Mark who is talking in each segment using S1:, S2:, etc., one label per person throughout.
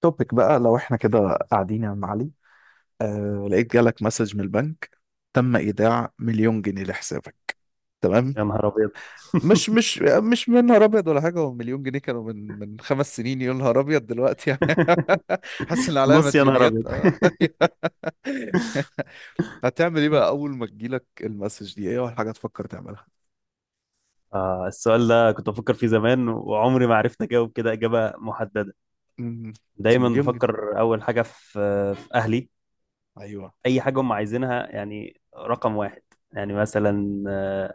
S1: توبيك بقى، لو احنا كده قاعدين يا عم علي. لقيت جالك مسج من البنك: تم ايداع مليون جنيه لحسابك. تمام.
S2: يا نهار ابيض.
S1: مش مش مش من نهار ابيض ولا حاجه. هو مليون جنيه كانوا من 5 سنين، يا نهار ابيض دلوقتي يعني. حاسس ان عليا
S2: نص يا نهار
S1: مديونيات
S2: ابيض.
S1: آه. هتعمل ايه بقى اول ما تجيلك المسج دي؟ ايه اول حاجه تفكر تعملها؟
S2: السؤال ده كنت بفكر فيه زمان وعمري ما عرفت اجاوب كده اجابه محدده.
S1: امم.
S2: دايما
S1: مليون جنيه.
S2: بفكر اول حاجه في اهلي.
S1: ايوه.
S2: اي حاجه هم عايزينها يعني رقم واحد. يعني مثلا آه،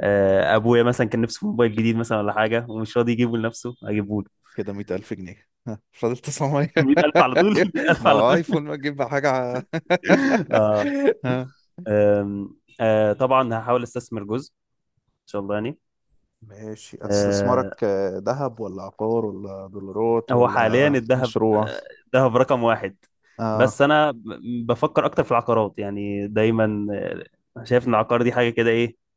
S2: آه، ابويا مثلا كان نفسه في موبايل جديد مثلا ولا حاجه ومش راضي يجيبه لنفسه اجيبه له.
S1: كده 100,000 جنيه، ها، فاضل 900.
S2: 100,000 على طول. 100,000
S1: ما
S2: على
S1: هو
S2: طول.
S1: ايفون، ما تجيب حاجة
S2: آه،
S1: ها.
S2: آم، آه، طبعا هحاول استثمر جزء ان شاء الله يعني.
S1: ماشي،
S2: آه،
S1: استثمارك ذهب ولا عقار ولا دولارات
S2: هو حاليا
S1: ولا
S2: الذهب.
S1: مشروع؟
S2: الذهب رقم واحد.
S1: آه
S2: بس انا بفكر اكتر في العقارات يعني دايما، شايف ان العقار دي حاجه كده ايه،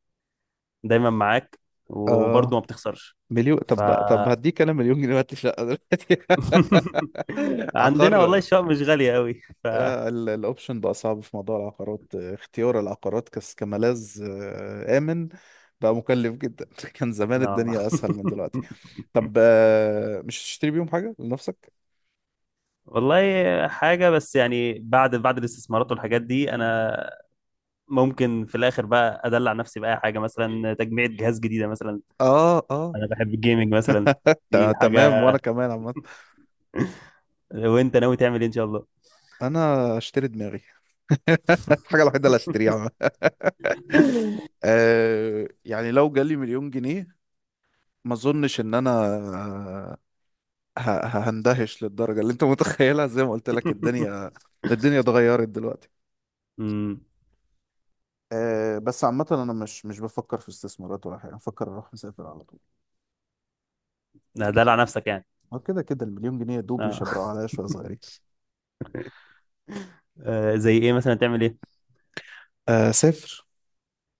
S2: دايما معاك وبرضه
S1: آه.
S2: ما بتخسرش.
S1: مليون؟
S2: ف
S1: طب هديك انا مليون جنيه وهات لي شقة دلوقتي.
S2: عندنا والله
S1: عقار.
S2: الشقق مش غاليه قوي. ف
S1: الاوبشن بقى صعب في موضوع العقارات، اختيار العقارات كملاذ آمن بقى مكلف جدا. كان زمان
S2: آه.
S1: الدنيا اسهل من دلوقتي. طب مش هتشتري بيهم حاجة لنفسك؟
S2: والله حاجه، بس يعني بعد الاستثمارات والحاجات دي انا ممكن في الاخر بقى ادلع نفسي باي حاجه مثلا تجميع جهاز جديده مثلا.
S1: اه اه.
S2: انا بحب الجيمنج مثلا. دي
S1: تمام.
S2: حاجه.
S1: وانا كمان عامة
S2: وانت ناوي تعمل ايه ان شاء الله؟
S1: انا اشتري دماغي. الحاجة الوحيدة اللي هشتريها. عامة. يعني لو جالي مليون جنيه ما اظنش ان انا آه، هندهش للدرجة اللي انت متخيلها. زي ما قلت لك، الدنيا اتغيرت دلوقتي.
S2: امم
S1: بس عامة أنا مش بفكر في استثمارات ولا حاجة، بفكر أروح مسافر على طول.
S2: ده دلع نفسك يعني؟
S1: هو كده كده المليون جنيه يا دوب
S2: اه،
S1: يشبرقوا عليا شوية صغيرين.
S2: زي ايه مثلا تعمل ايه؟
S1: أسافر.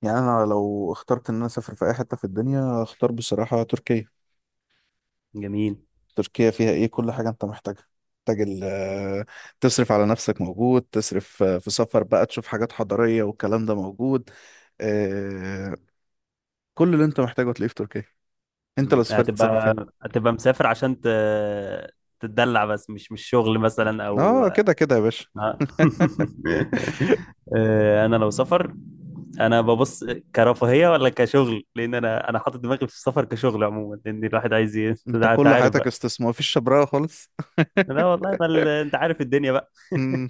S1: يعني انا لو اخترت ان انا اسافر في اي حته في الدنيا، اختار بصراحه تركيا.
S2: جميل.
S1: تركيا فيها ايه؟ كل حاجه انت محتاجها. محتاج تصرف على نفسك موجود، تصرف في سفر بقى تشوف حاجات حضاريه والكلام ده موجود. آه، كل اللي انت محتاجه تلاقيه في تركيا. انت لو
S2: مم.
S1: سافرت تسافر فين؟
S2: هتبقى. مسافر عشان تتدلع، بس مش شغل مثلا او
S1: اه، كده كده يا باشا.
S2: انا لو سفر انا ببص كرفاهيه ولا كشغل، لان انا حاطط دماغي في السفر كشغل عموما، لان الواحد عايز
S1: انت
S2: انت
S1: كل
S2: عارف
S1: حياتك
S2: بقى.
S1: استثمار، مفيش شبراوه خالص.
S2: لا والله. ما ال... انت عارف الدنيا.
S1: امم.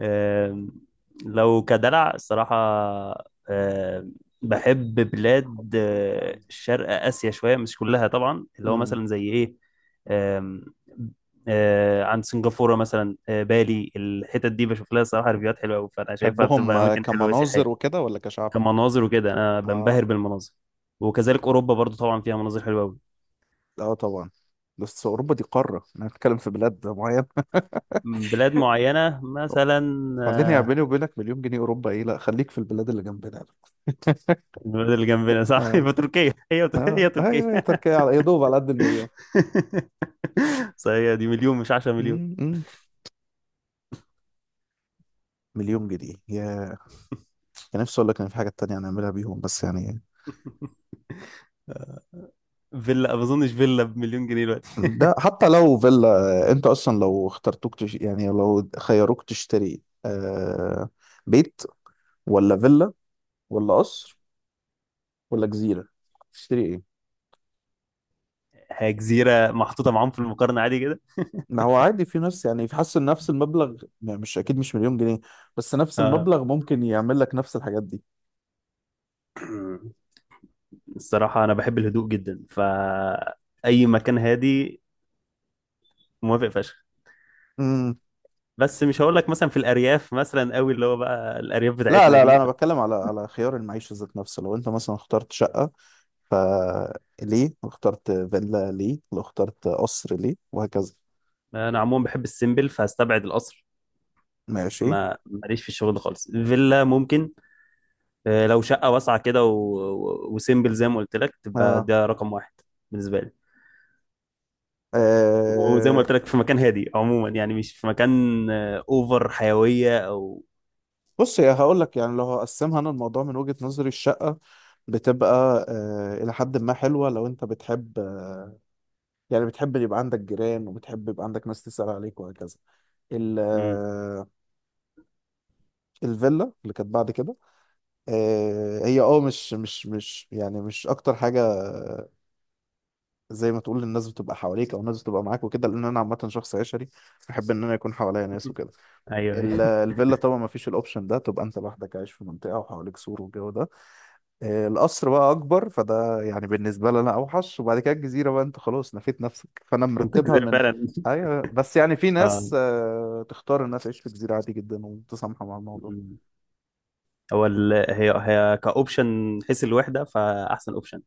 S2: آم، لو كدلع الصراحة، آم، بحب بلاد شرق آسيا شوية، مش كلها طبعا، اللي هو
S1: أمم.
S2: مثلا زي إيه. آم، عند سنغافورة مثلا، بالي، الحتت دي بشوف لها الصراحة ريفيوهات حلوة أوي، فأنا شايفها بتبقى
S1: تحبهم
S2: أماكن حلوة سياحية.
S1: كمناظر وكده ولا كشعب؟
S2: كمناظر وكده، أنا
S1: اه.
S2: بنبهر بالمناظر. وكذلك أوروبا برضو طبعا فيها مناظر حلوة أوي.
S1: اه طبعا. بس اوروبا دي قاره، انا بتكلم في بلاد معينه.
S2: بلاد معينة مثلا.
S1: بعدين يا بيني
S2: آه،
S1: وبينك، مليون جنيه اوروبا ايه؟ لا، خليك في البلاد اللي جنبنا.
S2: البلد اللي جنبنا، صح.
S1: اه.
S2: يبقى تركيا هي. هي
S1: اه
S2: تركيا.
S1: ايوه، هي تركيا على يا دوب على قد المليون.
S2: صحيح، دي مليون مش 10 مليون.
S1: مم، مم. مليون جنيه يا... كان نفسي اقول لك ان في حاجه تانية هنعملها بيهم بس يعني
S2: فيلا؟ ما اظنش فيلا بمليون جنيه دلوقتي.
S1: ده حتى لو فيلا. انت اصلا لو اخترتوك يعني لو خيروك تشتري بيت ولا فيلا ولا قصر ولا جزيره؟ تشتري ايه؟
S2: هي جزيره محطوطه معاهم في المقارنه عادي كده.
S1: ما هو عادي، في ناس يعني في حاسس ان نفس المبلغ، يعني مش اكيد مش مليون جنيه، بس نفس
S2: اه.
S1: المبلغ ممكن يعمل لك نفس الحاجات دي.
S2: الصراحه انا بحب الهدوء جدا، فاي مكان هادي موافق فشخ.
S1: امم.
S2: بس مش هقول لك مثلا في الارياف مثلا قوي، اللي هو بقى الارياف
S1: لا
S2: بتاعتنا
S1: لا لا،
S2: دي.
S1: انا بتكلم على على خيار المعيشه ذات نفسه. لو انت مثلا اخترت شقه ليه، واخترت فيلا ليه، واخترت قصر ليه، وهكذا.
S2: انا عموما بحب السيمبل، فهستبعد القصر.
S1: ماشي.
S2: ما ماليش في الشغل ده خالص. فيلا ممكن، لو شقه واسعه كده وسيمبل زي ما قلت لك، تبقى
S1: اه.
S2: ده رقم واحد بالنسبه لي. وزي ما
S1: آه.
S2: قلت لك في مكان هادي عموما، يعني مش في مكان اوفر حيويه او
S1: بص، يا هقول لك، يعني لو هقسمها انا، الموضوع من وجهة نظري: الشقه بتبقى الى حد ما حلوه لو انت بتحب، يعني بتحب يبقى عندك جيران وبتحب يبقى عندك ناس تسأل عليك وهكذا. ال-
S2: مم.
S1: آه، الفيلا اللي كانت بعد كده، هي اه مش مش مش يعني مش اكتر حاجه، زي ما تقول الناس بتبقى حواليك او الناس بتبقى معاك وكده، لان انا عامه شخص عشري، بحب ان انا يكون حواليا ناس وكده.
S2: ايوه، ايوه.
S1: الفيلا طبعا ما فيش الاوبشن ده، تبقى انت لوحدك عايش في منطقه وحواليك سور والجو ده. القصر بقى اكبر، فده يعني بالنسبه لي انا اوحش. وبعد كده الجزيره بقى، انت خلاص نفيت نفسك. فانا
S2: انت
S1: مرتبها
S2: كده
S1: من...
S2: فعلا.
S1: ايوه بس يعني في
S2: اه.
S1: ناس تختار انها تعيش في جزيره عادي جدا ومتسامحه مع الموضوع.
S2: مم. هو هي، هي كاوبشن، حيث الوحده فاحسن اوبشن.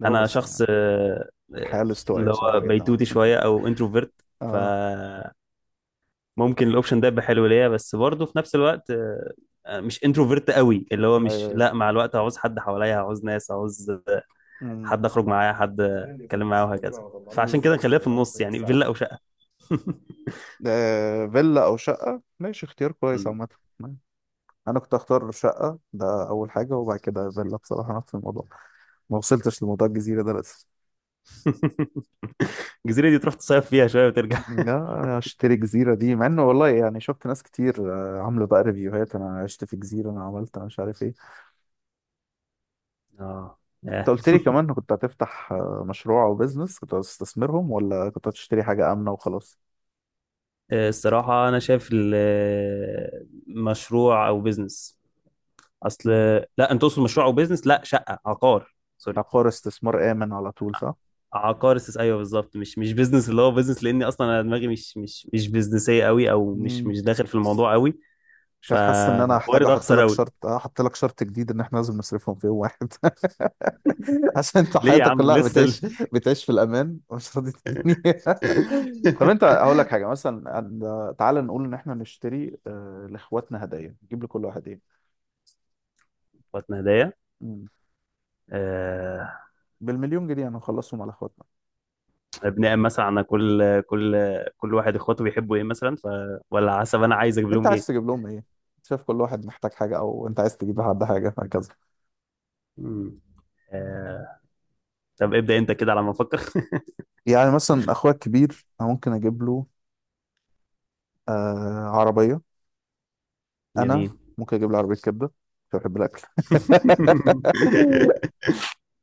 S1: ده هو
S2: انا
S1: بس
S2: شخص
S1: يعني
S2: آه،
S1: الحياه
S2: اللي
S1: الاستوائيه
S2: هو
S1: صعبه جدا.
S2: بيتوتي شويه او انتروفيرت.
S1: اه
S2: فممكن الاوبشن ده يبقى حلو ليا، بس برضه في نفس الوقت مش انتروفيرت قوي، اللي هو
S1: ايوه
S2: مش،
S1: ايوه.
S2: لا، مع الوقت هعوز حد حواليا، هعوز ناس، هعوز
S1: أمم.
S2: حد اخرج معاه، حد اتكلم معاه وهكذا. فعشان كده
S1: بالظبط.
S2: نخليها في النص يعني، فيلا او شقه.
S1: فيلا او شقه، ماشي، اختيار كويس
S2: مم.
S1: عامه. انا كنت اختار شقه ده اول حاجه، وبعد كده فيلا بصراحه نفس الموضوع. ما وصلتش لموضوع الجزيره ده لسه.
S2: الجزيره دي تروح تصيف فيها شويه وترجع.
S1: لا، اشتري جزيرة دي، مع انه والله يعني شفت ناس كتير عاملة بقى ريفيوهات: انا عشت في جزيرة، انا عملت، أنا مش عارف ايه.
S2: اه.
S1: انت
S2: آه.
S1: قلت لي كمان إنك كنت هتفتح مشروع او بيزنس، كنت هتستثمرهم ولا كنت هتشتري حاجة آمنة وخلاص؟
S2: الصراحه انا شايف مشروع او بيزنس، اصل،
S1: مم.
S2: لا انت تقصد مشروع او بيزنس، لا، شقه، عقار، سوري.
S1: عقار، استثمار آمن على طول، صح؟
S2: عقار ايوه بالظبط، مش بيزنس، اللي هو بيزنس، لاني اصلا انا دماغي مش بيزنسيه قوي، او مش
S1: مم.
S2: مش داخل في الموضوع قوي.
S1: مش هتحس ان انا هحتاج
S2: فوارد
S1: احط
S2: اخسر
S1: لك
S2: قوي.
S1: شرط، احط لك شرط جديد، ان احنا لازم نصرفهم في يوم واحد. عشان انت
S2: ليه يا
S1: حياتك
S2: عم
S1: كلها
S2: لسه.
S1: بتعيش في الامان ومش راضي تديني. طب انت هقول لك حاجه، مثلا تعال نقول ان احنا نشتري لاخواتنا هدايا. نجيب لكل واحد ايه؟
S2: اخواتنا هدايا.
S1: مم.
S2: آه،
S1: بالمليون جنيه هنخلصهم على اخواتنا.
S2: بناء مثلا على كل كل واحد اخواته بيحبوا ايه مثلا، ولا حسب انا عايز اجيب
S1: انت
S2: لهم
S1: عايز
S2: ايه.
S1: تجيب لهم ايه؟ شايف كل واحد محتاج حاجه، او انت عايز تجيب لحد حاجه، هكذا.
S2: مم. آه، طب ابدأ انت كده على ما افكر.
S1: يعني مثلا اخويا الكبير انا ممكن اجيب له آه عربيه. انا
S2: جميل.
S1: ممكن اجيب له عربيه كبده، عشان بحب الاكل.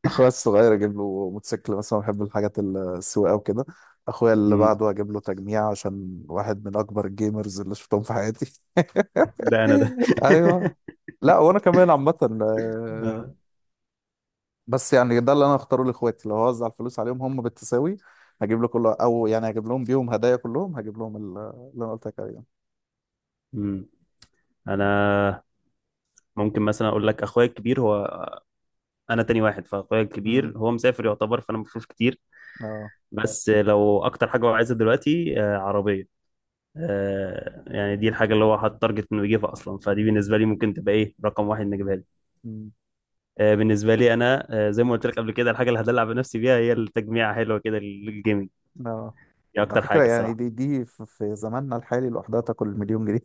S1: اخويا الصغير اجيب له موتوسيكل مثلا، بحب الحاجات السواقه وكده. اخويا اللي
S2: مم.
S1: بعده اجيب له تجميع، عشان واحد من اكبر الجيمرز اللي شفتهم في حياتي.
S2: ده انا ده.
S1: ايوه. لا وانا كمان عامه، آه،
S2: آه.
S1: بس يعني ده اللي انا اختاره لاخواتي لو هوزع الفلوس عليهم هم بالتساوي. هجيب له كله، او يعني هجيب لهم بيهم هدايا كلهم، هجيب لهم اللي انا قلت لك عليه.
S2: مم. انا ممكن مثلا اقول لك، اخويا الكبير هو، انا تاني واحد، فاخويا
S1: امم.
S2: الكبير هو مسافر يعتبر، فانا مفروش كتير.
S1: اه.
S2: بس لو اكتر حاجه هو عايزها دلوقتي عربيه. يعني دي الحاجة اللي هو حاطط تارجت انه يجيبها اصلا، فدي بالنسبة لي ممكن تبقى ايه، رقم واحد نجيبها لي.
S1: امم.
S2: بالنسبة لي انا زي ما قلت لك قبل كده، الحاجة اللي هدلع بنفسي بيها هي التجميعة حلوة كده للجيمنج.
S1: اه.
S2: دي
S1: على
S2: اكتر
S1: فكره،
S2: حاجة
S1: يعني دي
S2: الصراحة.
S1: دي في زماننا الحالي لوحدها تاكل مليون جنيه.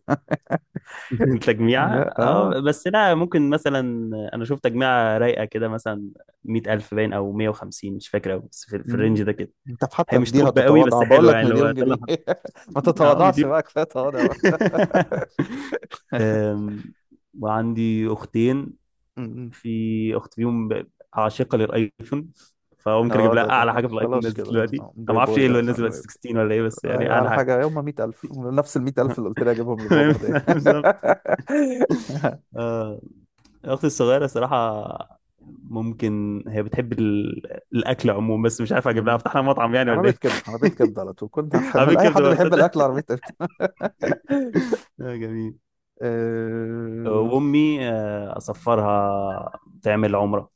S2: التجميعة،
S1: اه
S2: اه، بس لا ممكن مثلا انا شوف تجميعة رايقة كده مثلا 100,000 باين او 150، مش فاكر أوي بس في
S1: مم.
S2: الرينج ده كده.
S1: انت
S2: هي
S1: حتى في
S2: مش
S1: دي
S2: توب قوي
S1: هتتواضع
S2: بس
S1: بقول
S2: حلو، يعني
S1: لك
S2: اللي هو
S1: مليون
S2: ده اللي
S1: جنيه.
S2: أنا
S1: ما
S2: حاطه. اه،
S1: تتواضعش
S2: مليون.
S1: بقى، كفايه تواضع بقى.
S2: أم، وعندي اختين،
S1: مم.
S2: في اخت فيهم عاشقه للايفون، فممكن اجيب
S1: اه،
S2: لها
S1: ده
S2: اعلى حاجه في الايفون
S1: خلاص
S2: نازل
S1: كده
S2: دلوقتي. انا
S1: باي
S2: ما اعرفش ايه
S1: باي
S2: اللي نازل دلوقتي، 16 ولا ايه، بس يعني
S1: ايوه،
S2: اعلى
S1: على
S2: حاجه.
S1: حاجه يوم 100,000، نفس ال 100,000 اللي قلت لي اجيبهم لبابا هدايا.
S2: بالظبط. آه، اختي الصغيره صراحه ممكن، هي بتحب الاكل عموما، بس مش عارف اجيب لها،
S1: مم.
S2: افتح لها مطعم يعني ولا
S1: عربية
S2: ايه.
S1: كبدة، عربية كبدة على طول، كنت
S2: عامل
S1: انا اي
S2: كبده
S1: حد
S2: ورد،
S1: بيحب
S2: تصدق.
S1: الاكل عربية كبدة.
S2: جميل.
S1: اه.
S2: وامي اصفرها تعمل عمره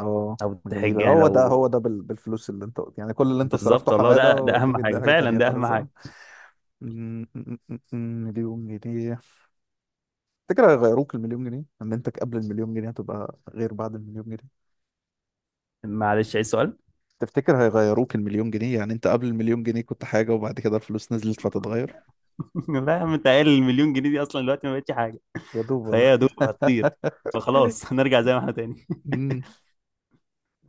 S1: آه،
S2: او تحج،
S1: جميلة.
S2: يعني
S1: هو ده هو
S2: لو.
S1: ده بالفلوس اللي انت يعني كل اللي انت صرفته
S2: بالظبط والله ده
S1: حمادة،
S2: ده
S1: ودي
S2: اهم
S1: بيديها
S2: حاجه
S1: حاجة
S2: فعلا،
S1: تانية
S2: ده اهم
S1: خالص.
S2: حاجه.
S1: م- م- م- م- مليون جنيه. تفتكر هيغيروك المليون جنيه؟ اما انت قبل المليون جنيه هتبقى غير بعد المليون جنيه.
S2: معلش عايز سؤال.
S1: تفتكر هيغيروك المليون جنيه؟ يعني انت قبل المليون جنيه كنت حاجة، وبعد كده الفلوس نزلت فتتغير.
S2: لا يا عم، انت قايل المليون جنيه دي اصلا دلوقتي ما بقتش حاجه،
S1: يا دوب
S2: فهي
S1: والله.
S2: يا دوب هتطير، فخلاص هنرجع زي ما احنا تاني.
S1: امم.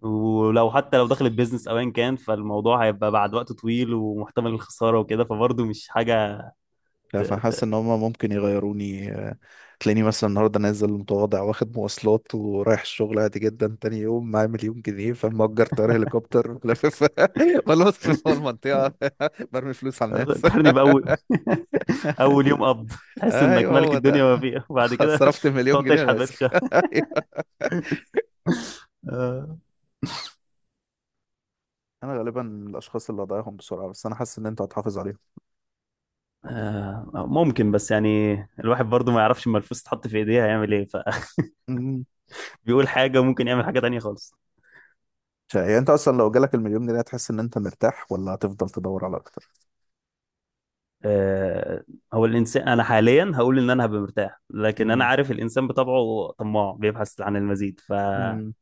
S2: ولو حتى لو دخلت بيزنس او ايا كان، فالموضوع هيبقى بعد وقت طويل ومحتمل الخساره وكده، فبرضه مش حاجه ت...
S1: فحاسس
S2: ت...
S1: ان هما ممكن يغيروني، تلاقيني مثلا النهارده نازل متواضع واخد مواصلات ورايح الشغل عادي جدا، تاني يوم معايا مليون جنيه فمأجر طيارة هليكوبتر لافف. بلف في المنطقة. برمي فلوس على الناس.
S2: فكرني باول، اول يوم قبض تحس انك
S1: ايوه،
S2: ملك
S1: هو
S2: الدنيا
S1: ده.
S2: وما فيها، وبعد كده
S1: صرفت مليون
S2: تقعد
S1: جنيه،
S2: تشحت
S1: انا
S2: بقيت
S1: اسف.
S2: الشهر.
S1: أيوة.
S2: آه،
S1: انا غالبا من الاشخاص اللي هضيعهم بسرعه، بس انا حاسس ان انت هتحافظ عليهم.
S2: ممكن، بس يعني الواحد برضه ما يعرفش اما الفلوس تتحط في ايديه هيعمل ايه،
S1: أمم.
S2: فبيقول حاجه، وممكن يعمل حاجه تانيه خالص.
S1: يعني انت اصلا لو جالك المليون جنيه هتحس ان انت مرتاح، ولا هتفضل تدور على اكتر؟
S2: آه، هو الانسان، انا حاليا هقول ان انا هبقى مرتاح، لكن انا
S1: أمم.
S2: عارف الانسان بطبعه طماع بيبحث عن المزيد،
S1: أمم.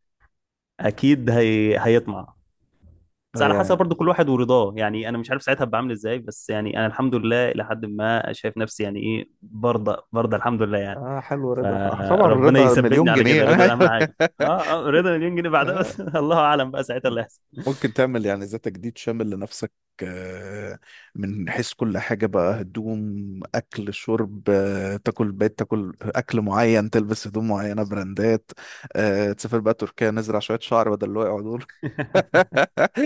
S2: فاكيد هيطمع. بس
S1: آه
S2: على
S1: يعني
S2: حسب برضو كل واحد ورضاه، يعني انا مش عارف ساعتها هبقى عامل ازاي، بس يعني انا الحمد لله الى حد ما شايف نفسي، يعني ايه، برضى، برضى الحمد لله يعني.
S1: اه، حلو رضا طبعا،
S2: فربنا
S1: رضا
S2: يثبتني
S1: مليون
S2: على
S1: جنيه.
S2: كده،
S1: انا
S2: رضا اهم حاجه، اه، رضا مليون جنيه بعدها،
S1: أيوة.
S2: بس الله اعلم بقى ساعتها اللي
S1: ممكن تعمل يعني زي تجديد شامل لنفسك، آه، من حيث كل حاجة بقى: هدوم، أكل، شرب، تاكل بيت، تاكل أكل معين، تلبس هدوم معينة براندات، تسافر بقى تركيا، نزرع شوية شعر بدل اللي وقعوا دول.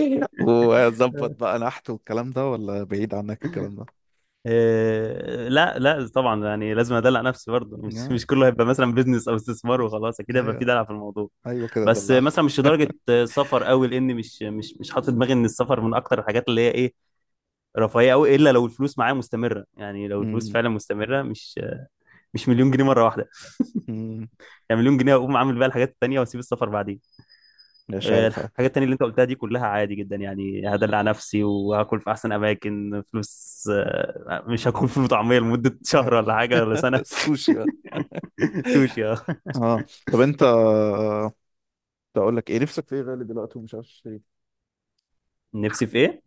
S2: هيحصل.
S1: وظبط بقى نحت والكلام ده، ولا بعيد عنك الكلام ده؟
S2: إيه، لا لا طبعا، يعني لازم ادلع نفسي برضه. مش
S1: يا-
S2: مش كله هيبقى مثلا بيزنس او استثمار وخلاص، اكيد هيبقى في
S1: أيوه.
S2: دلع في الموضوع.
S1: أيوه، كده
S2: بس
S1: دلعني.
S2: مثلا مش لدرجه سفر قوي، لان مش حاطط دماغي ان السفر من اكتر الحاجات اللي هي ايه، رفاهيه قوي، الا لو الفلوس معايا مستمره، يعني لو الفلوس
S1: أمم،
S2: فعلا مستمره، مش مليون جنيه مره واحده.
S1: أمم،
S2: يعني مليون جنيه اقوم عامل بقى الحاجات التانيه واسيب السفر بعدين.
S1: مش عارف.
S2: الحاجات التانيه اللي انت قلتها دي كلها عادي جدا، يعني هدلع نفسي وهاكل في احسن اماكن فلوس، مش هاكل فول وطعميه لمده شهر ولا حاجه ولا سنه.
S1: السوشي بقى.
S2: سوشي، اه.
S1: اه. طب انت، اقول لك ايه، نفسك في ايه غالي دلوقتي ومش عارف تشتريه؟
S2: نفسي في ايه؟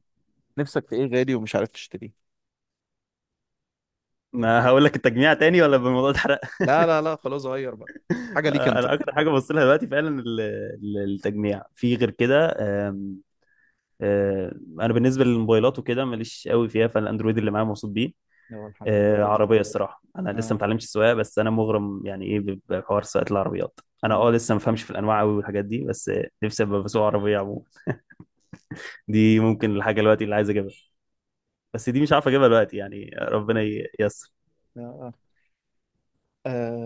S1: نفسك في ايه غالي ومش عارف تشتريه؟
S2: ما هقول لك التجميع تاني ولا بالموضوع اتحرق.
S1: لا لا لا، خلاص غير بقى. حاجه ليك انت.
S2: انا اكتر حاجه ببص لها دلوقتي فعلا التجميع، في غير كده آم، آه، انا بالنسبه للموبايلات وكده ماليش قوي فيها، فالاندرويد اللي معايا مبسوط بيه.
S1: يلا الحمد لله رضا.
S2: عربيه الصراحه، انا لسه ما
S1: اه.
S2: اتعلمتش السواقه، بس انا مغرم يعني ايه بحوار سواقه العربيات، انا
S1: مم.
S2: اه لسه ما فهمش في الانواع قوي والحاجات دي، بس نفسي ابقى بسوق عربيه عموما. دي ممكن الحاجه دلوقتي اللي عايز اجيبها، بس دي مش عارف اجيبها دلوقتي، يعني ربنا ييسر.
S1: آه. آه.